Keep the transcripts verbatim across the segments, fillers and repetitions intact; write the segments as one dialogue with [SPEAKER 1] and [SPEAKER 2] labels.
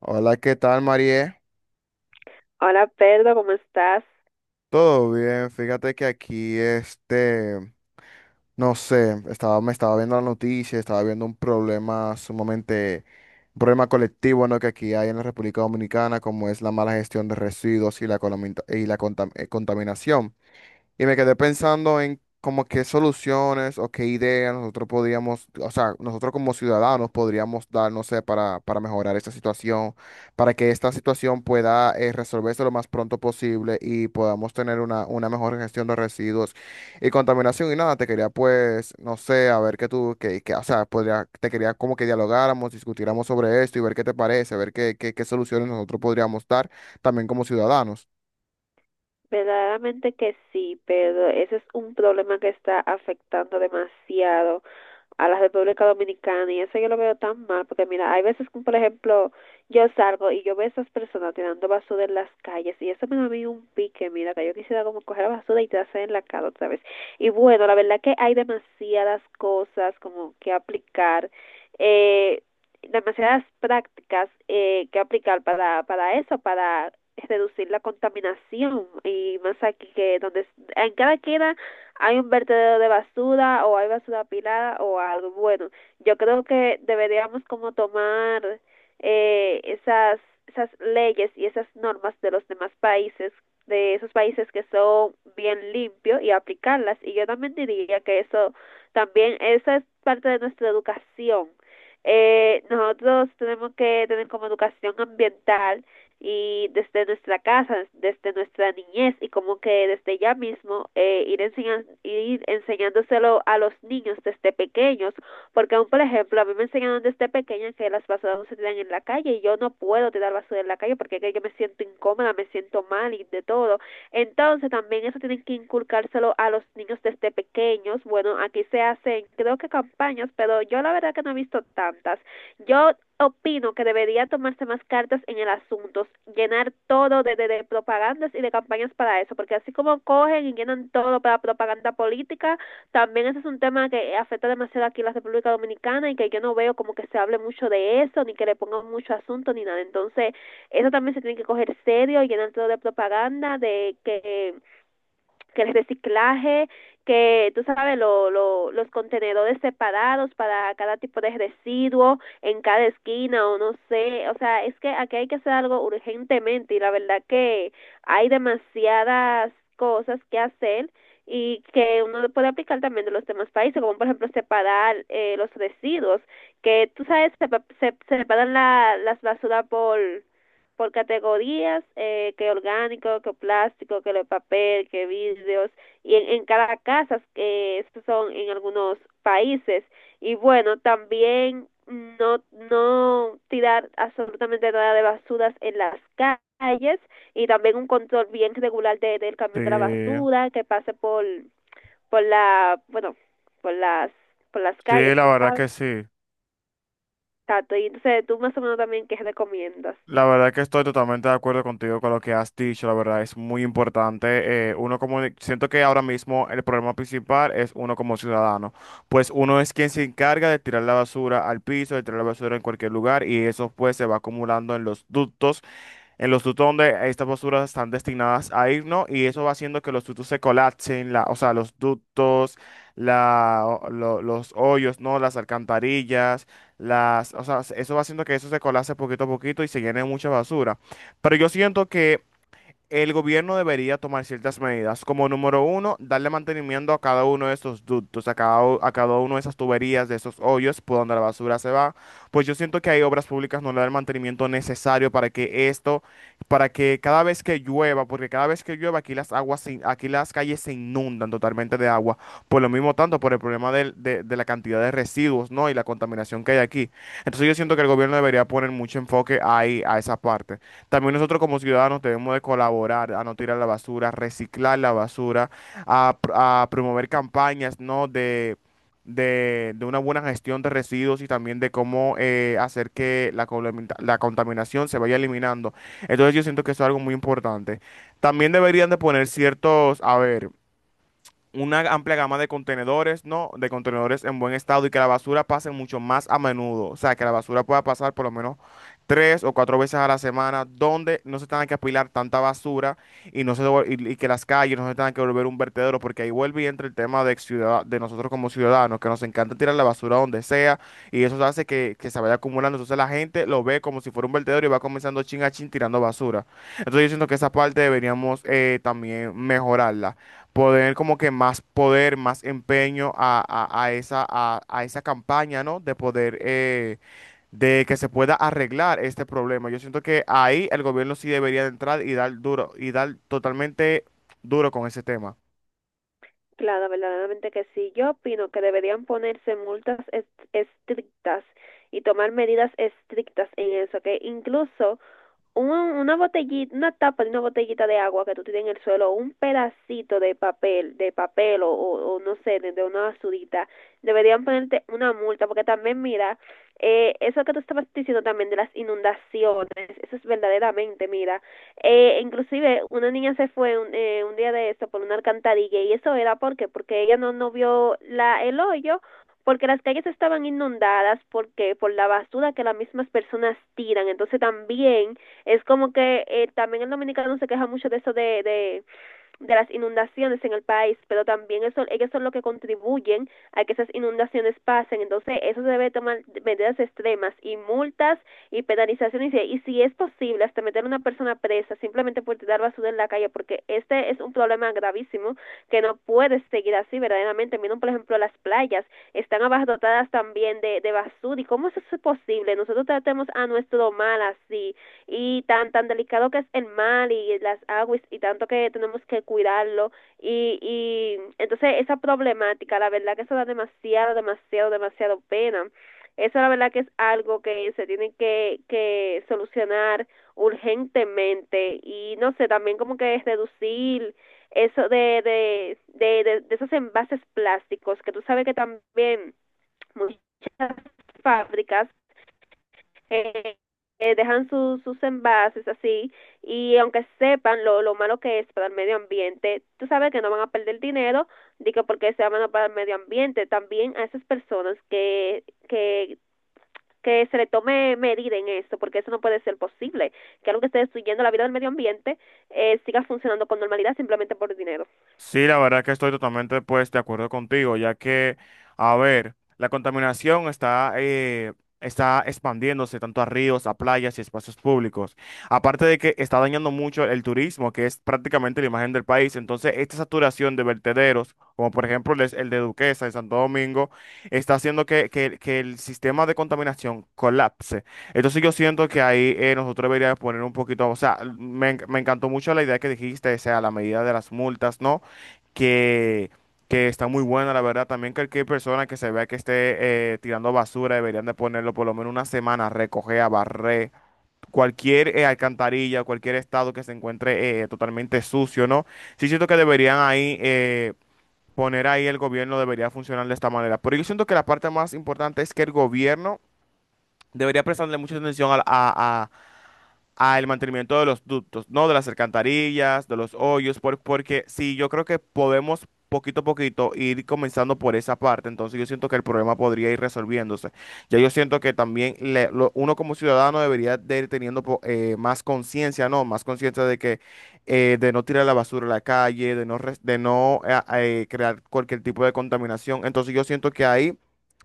[SPEAKER 1] Hola, ¿qué tal, María?
[SPEAKER 2] Hola, Pedro, ¿cómo estás?
[SPEAKER 1] Todo bien, fíjate que aquí, este, no sé, estaba, me estaba viendo la noticia, estaba viendo un problema sumamente, un problema colectivo, ¿no? Que aquí hay en la República Dominicana, como es la mala gestión de residuos y la, colomita- y la contam- eh, contaminación. Y me quedé pensando en como qué soluciones o qué ideas nosotros podríamos, o sea, nosotros como ciudadanos podríamos dar, no sé, para, para mejorar esta situación, para que esta situación pueda eh, resolverse lo más pronto posible y podamos tener una, una mejor gestión de residuos y contaminación. Y nada, te quería pues, no sé, a ver qué tú, que, que, o sea, podría, te quería como que dialogáramos, discutiéramos sobre esto y ver qué te parece, ver qué, qué, qué soluciones nosotros podríamos dar también como ciudadanos.
[SPEAKER 2] Verdaderamente que sí, Pedro. Ese es un problema que está afectando demasiado a la República Dominicana, y eso yo lo veo tan mal porque mira, hay veces que, por ejemplo, yo salgo y yo veo a esas personas tirando basura en las calles y eso me da a mí un pique, mira, que yo quisiera como coger la basura y tirarse en la cara otra vez. Y bueno, la verdad que hay demasiadas cosas como que aplicar. Eh, Demasiadas prácticas eh, que aplicar para, para eso, para reducir la contaminación y más aquí que donde en cada queda hay un vertedero de basura o hay basura apilada o algo bueno. Yo creo que deberíamos como tomar eh, esas esas leyes y esas normas de los demás países, de esos países que son bien limpios, y aplicarlas. Y yo también diría que eso también esa es parte de nuestra educación. Eh, nosotros tenemos que tener como educación ambiental y desde nuestra casa, desde nuestra niñez, y como que desde ya mismo eh, ir, enseñan, ir enseñándoselo a los niños desde pequeños, porque aún por ejemplo a mí me enseñaron desde pequeña que las basuras no se tiran en la calle, y yo no puedo tirar basura en la calle porque es que yo me siento incómoda, me siento mal y de todo. Entonces también eso tienen que inculcárselo a los niños desde pequeños. Bueno, aquí se hacen creo que campañas, pero yo la verdad que no he visto tantas. Yo opino que debería tomarse más cartas en el asunto, llenar todo de, de, de, propagandas y de campañas para eso, porque así como cogen y llenan todo para propaganda política, también ese es un tema que afecta demasiado aquí en la República Dominicana y que yo no veo como que se hable mucho de eso, ni que le pongan mucho asunto, ni nada. Entonces, eso también se tiene que coger serio, y llenar todo de propaganda, de que, que el reciclaje, que tú sabes, lo, lo, los contenedores separados para cada tipo de residuo en cada esquina o no sé, o sea, es que aquí hay que hacer algo urgentemente, y la verdad que hay demasiadas cosas que hacer y que uno puede aplicar también de los demás países, como por ejemplo separar eh, los residuos, que tú sabes, se, se, se separan la, las basuras por por categorías, eh, que orgánico, que plástico, que de papel, que vidrios, y en, en cada casa, que eh, estos son en algunos países. Y bueno, también no, no tirar absolutamente nada de basuras en las calles, y también un control bien regular de, del camión de la
[SPEAKER 1] Sí,
[SPEAKER 2] basura que pase por, por la, bueno, por las, por las
[SPEAKER 1] sí,
[SPEAKER 2] calles,
[SPEAKER 1] la
[SPEAKER 2] tú
[SPEAKER 1] verdad
[SPEAKER 2] sabes.
[SPEAKER 1] que sí.
[SPEAKER 2] Tato, y entonces tú más o menos también qué recomiendas.
[SPEAKER 1] La verdad que estoy totalmente de acuerdo contigo con lo que has dicho, la verdad es muy importante. eh, uno como, siento que ahora mismo el problema principal es uno como ciudadano, pues uno es quien se encarga de tirar la basura al piso, de tirar la basura en cualquier lugar y eso pues se va acumulando en los ductos, en los tutos donde estas posturas están destinadas a ir, ¿no? Y eso va haciendo que los tutos se colapsen, la, o sea, los ductos, la, o- lo- los hoyos, ¿no? Las alcantarillas, las, o sea, eso va haciendo que eso se colapse poquito a poquito y se llene de mucha basura. Pero yo siento que el gobierno debería tomar ciertas medidas, como número uno, darle mantenimiento a cada uno de esos ductos, a cada, u- a cada uno de esas tuberías, de esos hoyos por donde la basura se va. Pues yo siento que hay obras públicas no le dan el mantenimiento necesario para que esto, para que cada vez que llueva, porque cada vez que llueva aquí las aguas, se in- aquí las calles se inundan totalmente de agua, por lo mismo tanto, por el problema del- de, de la cantidad de residuos, ¿no? Y la contaminación que hay aquí. Entonces yo siento que el gobierno debería poner mucho enfoque ahí, a esa parte. También nosotros como ciudadanos debemos de colaborar a no tirar la basura, reciclar la basura, a, pr- a promover campañas, ¿no? de, de, de una buena gestión de residuos y también de cómo eh, hacer que la, colamita- la contaminación se vaya eliminando. Entonces yo siento que eso es algo muy importante. También deberían de poner ciertos, a ver, una amplia gama de contenedores, ¿no? De contenedores en buen estado y que la basura pase mucho más a menudo. O sea, que la basura pueda pasar por lo menos tres o cuatro veces a la semana, donde no se tenga que apilar tanta basura y, no se, devol- y, y que las calles no se tengan que volver un vertedero, porque ahí vuelve y entra el tema de, ciudad, de nosotros como ciudadanos, que nos encanta tirar la basura donde sea y eso hace que, que se vaya acumulando. Entonces la gente lo ve como si fuera un vertedero y va comenzando chin a chin tirando basura. Entonces yo siento que esa parte deberíamos eh, también mejorarla, poder como que más poder, más empeño a, a- a esa, a, a esa campaña, ¿no? De poder, eh, de que se pueda arreglar este problema. Yo siento que ahí el gobierno sí debería de entrar y dar duro, y dar totalmente duro con ese tema.
[SPEAKER 2] Claro, verdaderamente que sí. Yo opino que deberían ponerse multas est- estrictas y tomar medidas estrictas en eso, que incluso un- una botellita, una tapa de una botellita de agua que tú tienes en el suelo, un pedacito de papel, de papel o, o, o no sé, de, de una basurita, deberían ponerte una multa, porque también mira, eh, eso que tú estabas diciendo también de las inundaciones, eso es verdaderamente, mira, eh, inclusive una niña se fue un, eh, un día de esto por una alcantarilla y eso era porque, porque ella no, no vio la, el hoyo. Porque las calles estaban inundadas, porque por la basura que las mismas personas tiran. Entonces también es como que eh, también el dominicano se queja mucho de eso de, de, de las inundaciones en el país, pero también eso, ellos son los que contribuyen a que esas inundaciones pasen. Entonces, eso se debe tomar medidas extremas, y multas y penalizaciones. Y, y si es posible, hasta meter a una persona presa simplemente por tirar basura en la calle, porque este es un problema gravísimo que no puede seguir así verdaderamente. Miren, por ejemplo, las playas están abarrotadas también de, de basura. ¿Y cómo eso es posible? Nosotros tratemos a nuestro mal así, y tan tan delicado que es el mar y las aguas y tanto que tenemos que cuidarlo, y, y entonces esa problemática la verdad que eso da demasiado demasiado demasiado pena. Eso la verdad que es algo que se tiene que, que solucionar urgentemente. Y no sé, también como que es reducir eso de de, de, de, de esos envases plásticos, que tú sabes que también muchas fábricas eh, eh, dejan su- sus envases así, y aunque sepan lo, lo malo que es para el medio ambiente, tú sabes que no van a perder dinero, digo porque sea malo para el medio ambiente. También a esas personas que, que, que se le tome medida en esto, porque eso no puede ser posible, que algo que esté destruyendo la vida del medio ambiente eh, siga funcionando con normalidad simplemente por dinero.
[SPEAKER 1] Sí, la verdad que estoy totalmente pues de acuerdo contigo, ya que, a ver, la contaminación está, eh, está expandiéndose tanto a ríos, a playas y espacios públicos. Aparte de que está dañando mucho el turismo, que es prácticamente la imagen del país. Entonces, esta saturación de vertederos, como por ejemplo el, el de Duquesa en Santo Domingo, está haciendo que, que- que el sistema de contaminación colapse. Entonces, yo siento que ahí eh, nosotros deberíamos poner un poquito, o sea, me, en- me encantó mucho la idea que dijiste, o sea, la medida de las multas, ¿no? que, que está muy buena, la verdad. También cualquier persona que se vea que esté eh, tirando basura deberían de ponerlo por lo menos una semana, a recoger, a barrer, cualquier eh, alcantarilla, cualquier estado que se encuentre eh, totalmente sucio, ¿no? Sí siento que deberían ahí eh, poner ahí el gobierno, debería funcionar de esta manera. Pero yo siento que la parte más importante es que el gobierno debería prestarle mucha atención a, a, al mantenimiento de los ductos, ¿no? De las alcantarillas, de los hoyos, por- porque sí, yo creo que podemos poquito a poquito ir comenzando por esa parte, entonces yo siento que el problema podría ir resolviéndose. Ya yo siento que también le- lo- uno como ciudadano debería de ir teniendo po- eh, más conciencia, ¿no? Más conciencia de que eh, de no tirar la basura a la calle, de no, res- de no eh, eh, crear cualquier tipo de contaminación. Entonces yo siento que ahí...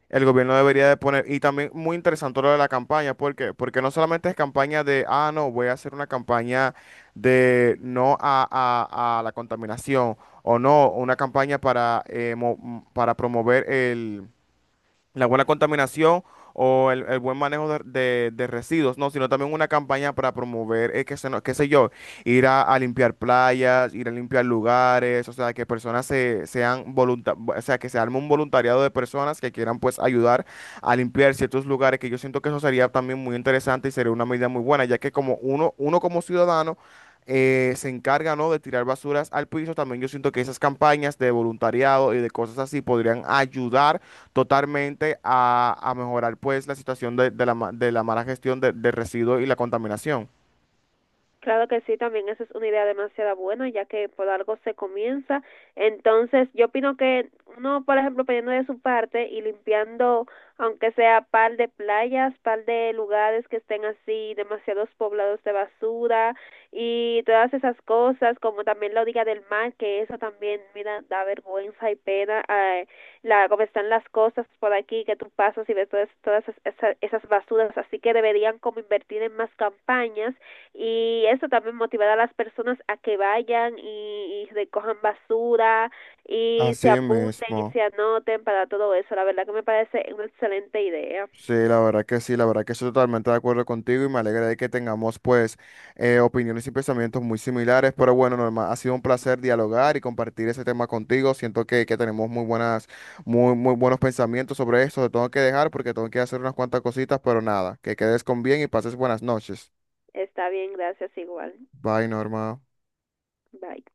[SPEAKER 1] El gobierno debería de poner, y también muy interesante lo de la campaña, ¿por qué? Porque no solamente es campaña de, ah, no, voy a hacer una campaña de no a, a- a la contaminación, o no, una campaña para, eh, mo- para promover el, la buena contaminación o el, el buen manejo de, de- de residuos, no, sino también una campaña para promover, eh, que se no- qué sé yo, ir a, a limpiar playas, ir a limpiar lugares, o sea, que personas se, sean volunta- o sea, que se arme un voluntariado de personas que quieran pues ayudar a limpiar ciertos lugares, que yo siento que eso sería también muy interesante y sería una medida muy buena, ya que como uno, uno como ciudadano eh, se encarga, ¿no? de tirar basuras al piso. También yo siento que esas campañas de voluntariado y de cosas así podrían ayudar totalmente a, a mejorar, pues, la situación de, de la, ma- de la mala gestión de, de residuos y la contaminación.
[SPEAKER 2] Claro que sí, también esa es una idea demasiado buena, ya que por algo se comienza. Entonces, yo opino que uno, por ejemplo, poniendo de su parte y limpiando, aunque sea par de playas, par de lugares que estén así, demasiados poblados de basura, y todas esas cosas, como también la orilla del mar, que eso también, mira, da vergüenza y pena, eh, la, como están las cosas por aquí, que tú pasas y ves todas, todas esas, esas basuras, así que deberían como invertir en más campañas, y eso también motivará a las personas a que vayan y, y recojan basura y
[SPEAKER 1] Así
[SPEAKER 2] se apunten y
[SPEAKER 1] mismo.
[SPEAKER 2] se anoten para todo eso. La verdad que me parece una excelente idea.
[SPEAKER 1] Sí, la verdad que sí, la verdad que estoy totalmente de acuerdo contigo y me alegra de que tengamos pues eh, opiniones y pensamientos muy similares, pero bueno, Norma, ha sido un placer dialogar y compartir ese tema contigo. Siento que, que tenemos muy buenas, muy, muy buenos pensamientos sobre esto. Te tengo que dejar porque tengo que hacer unas cuantas cositas, pero nada, que quedes con bien y pases buenas noches.
[SPEAKER 2] Está bien, gracias igual.
[SPEAKER 1] Bye, Norma.
[SPEAKER 2] Bye.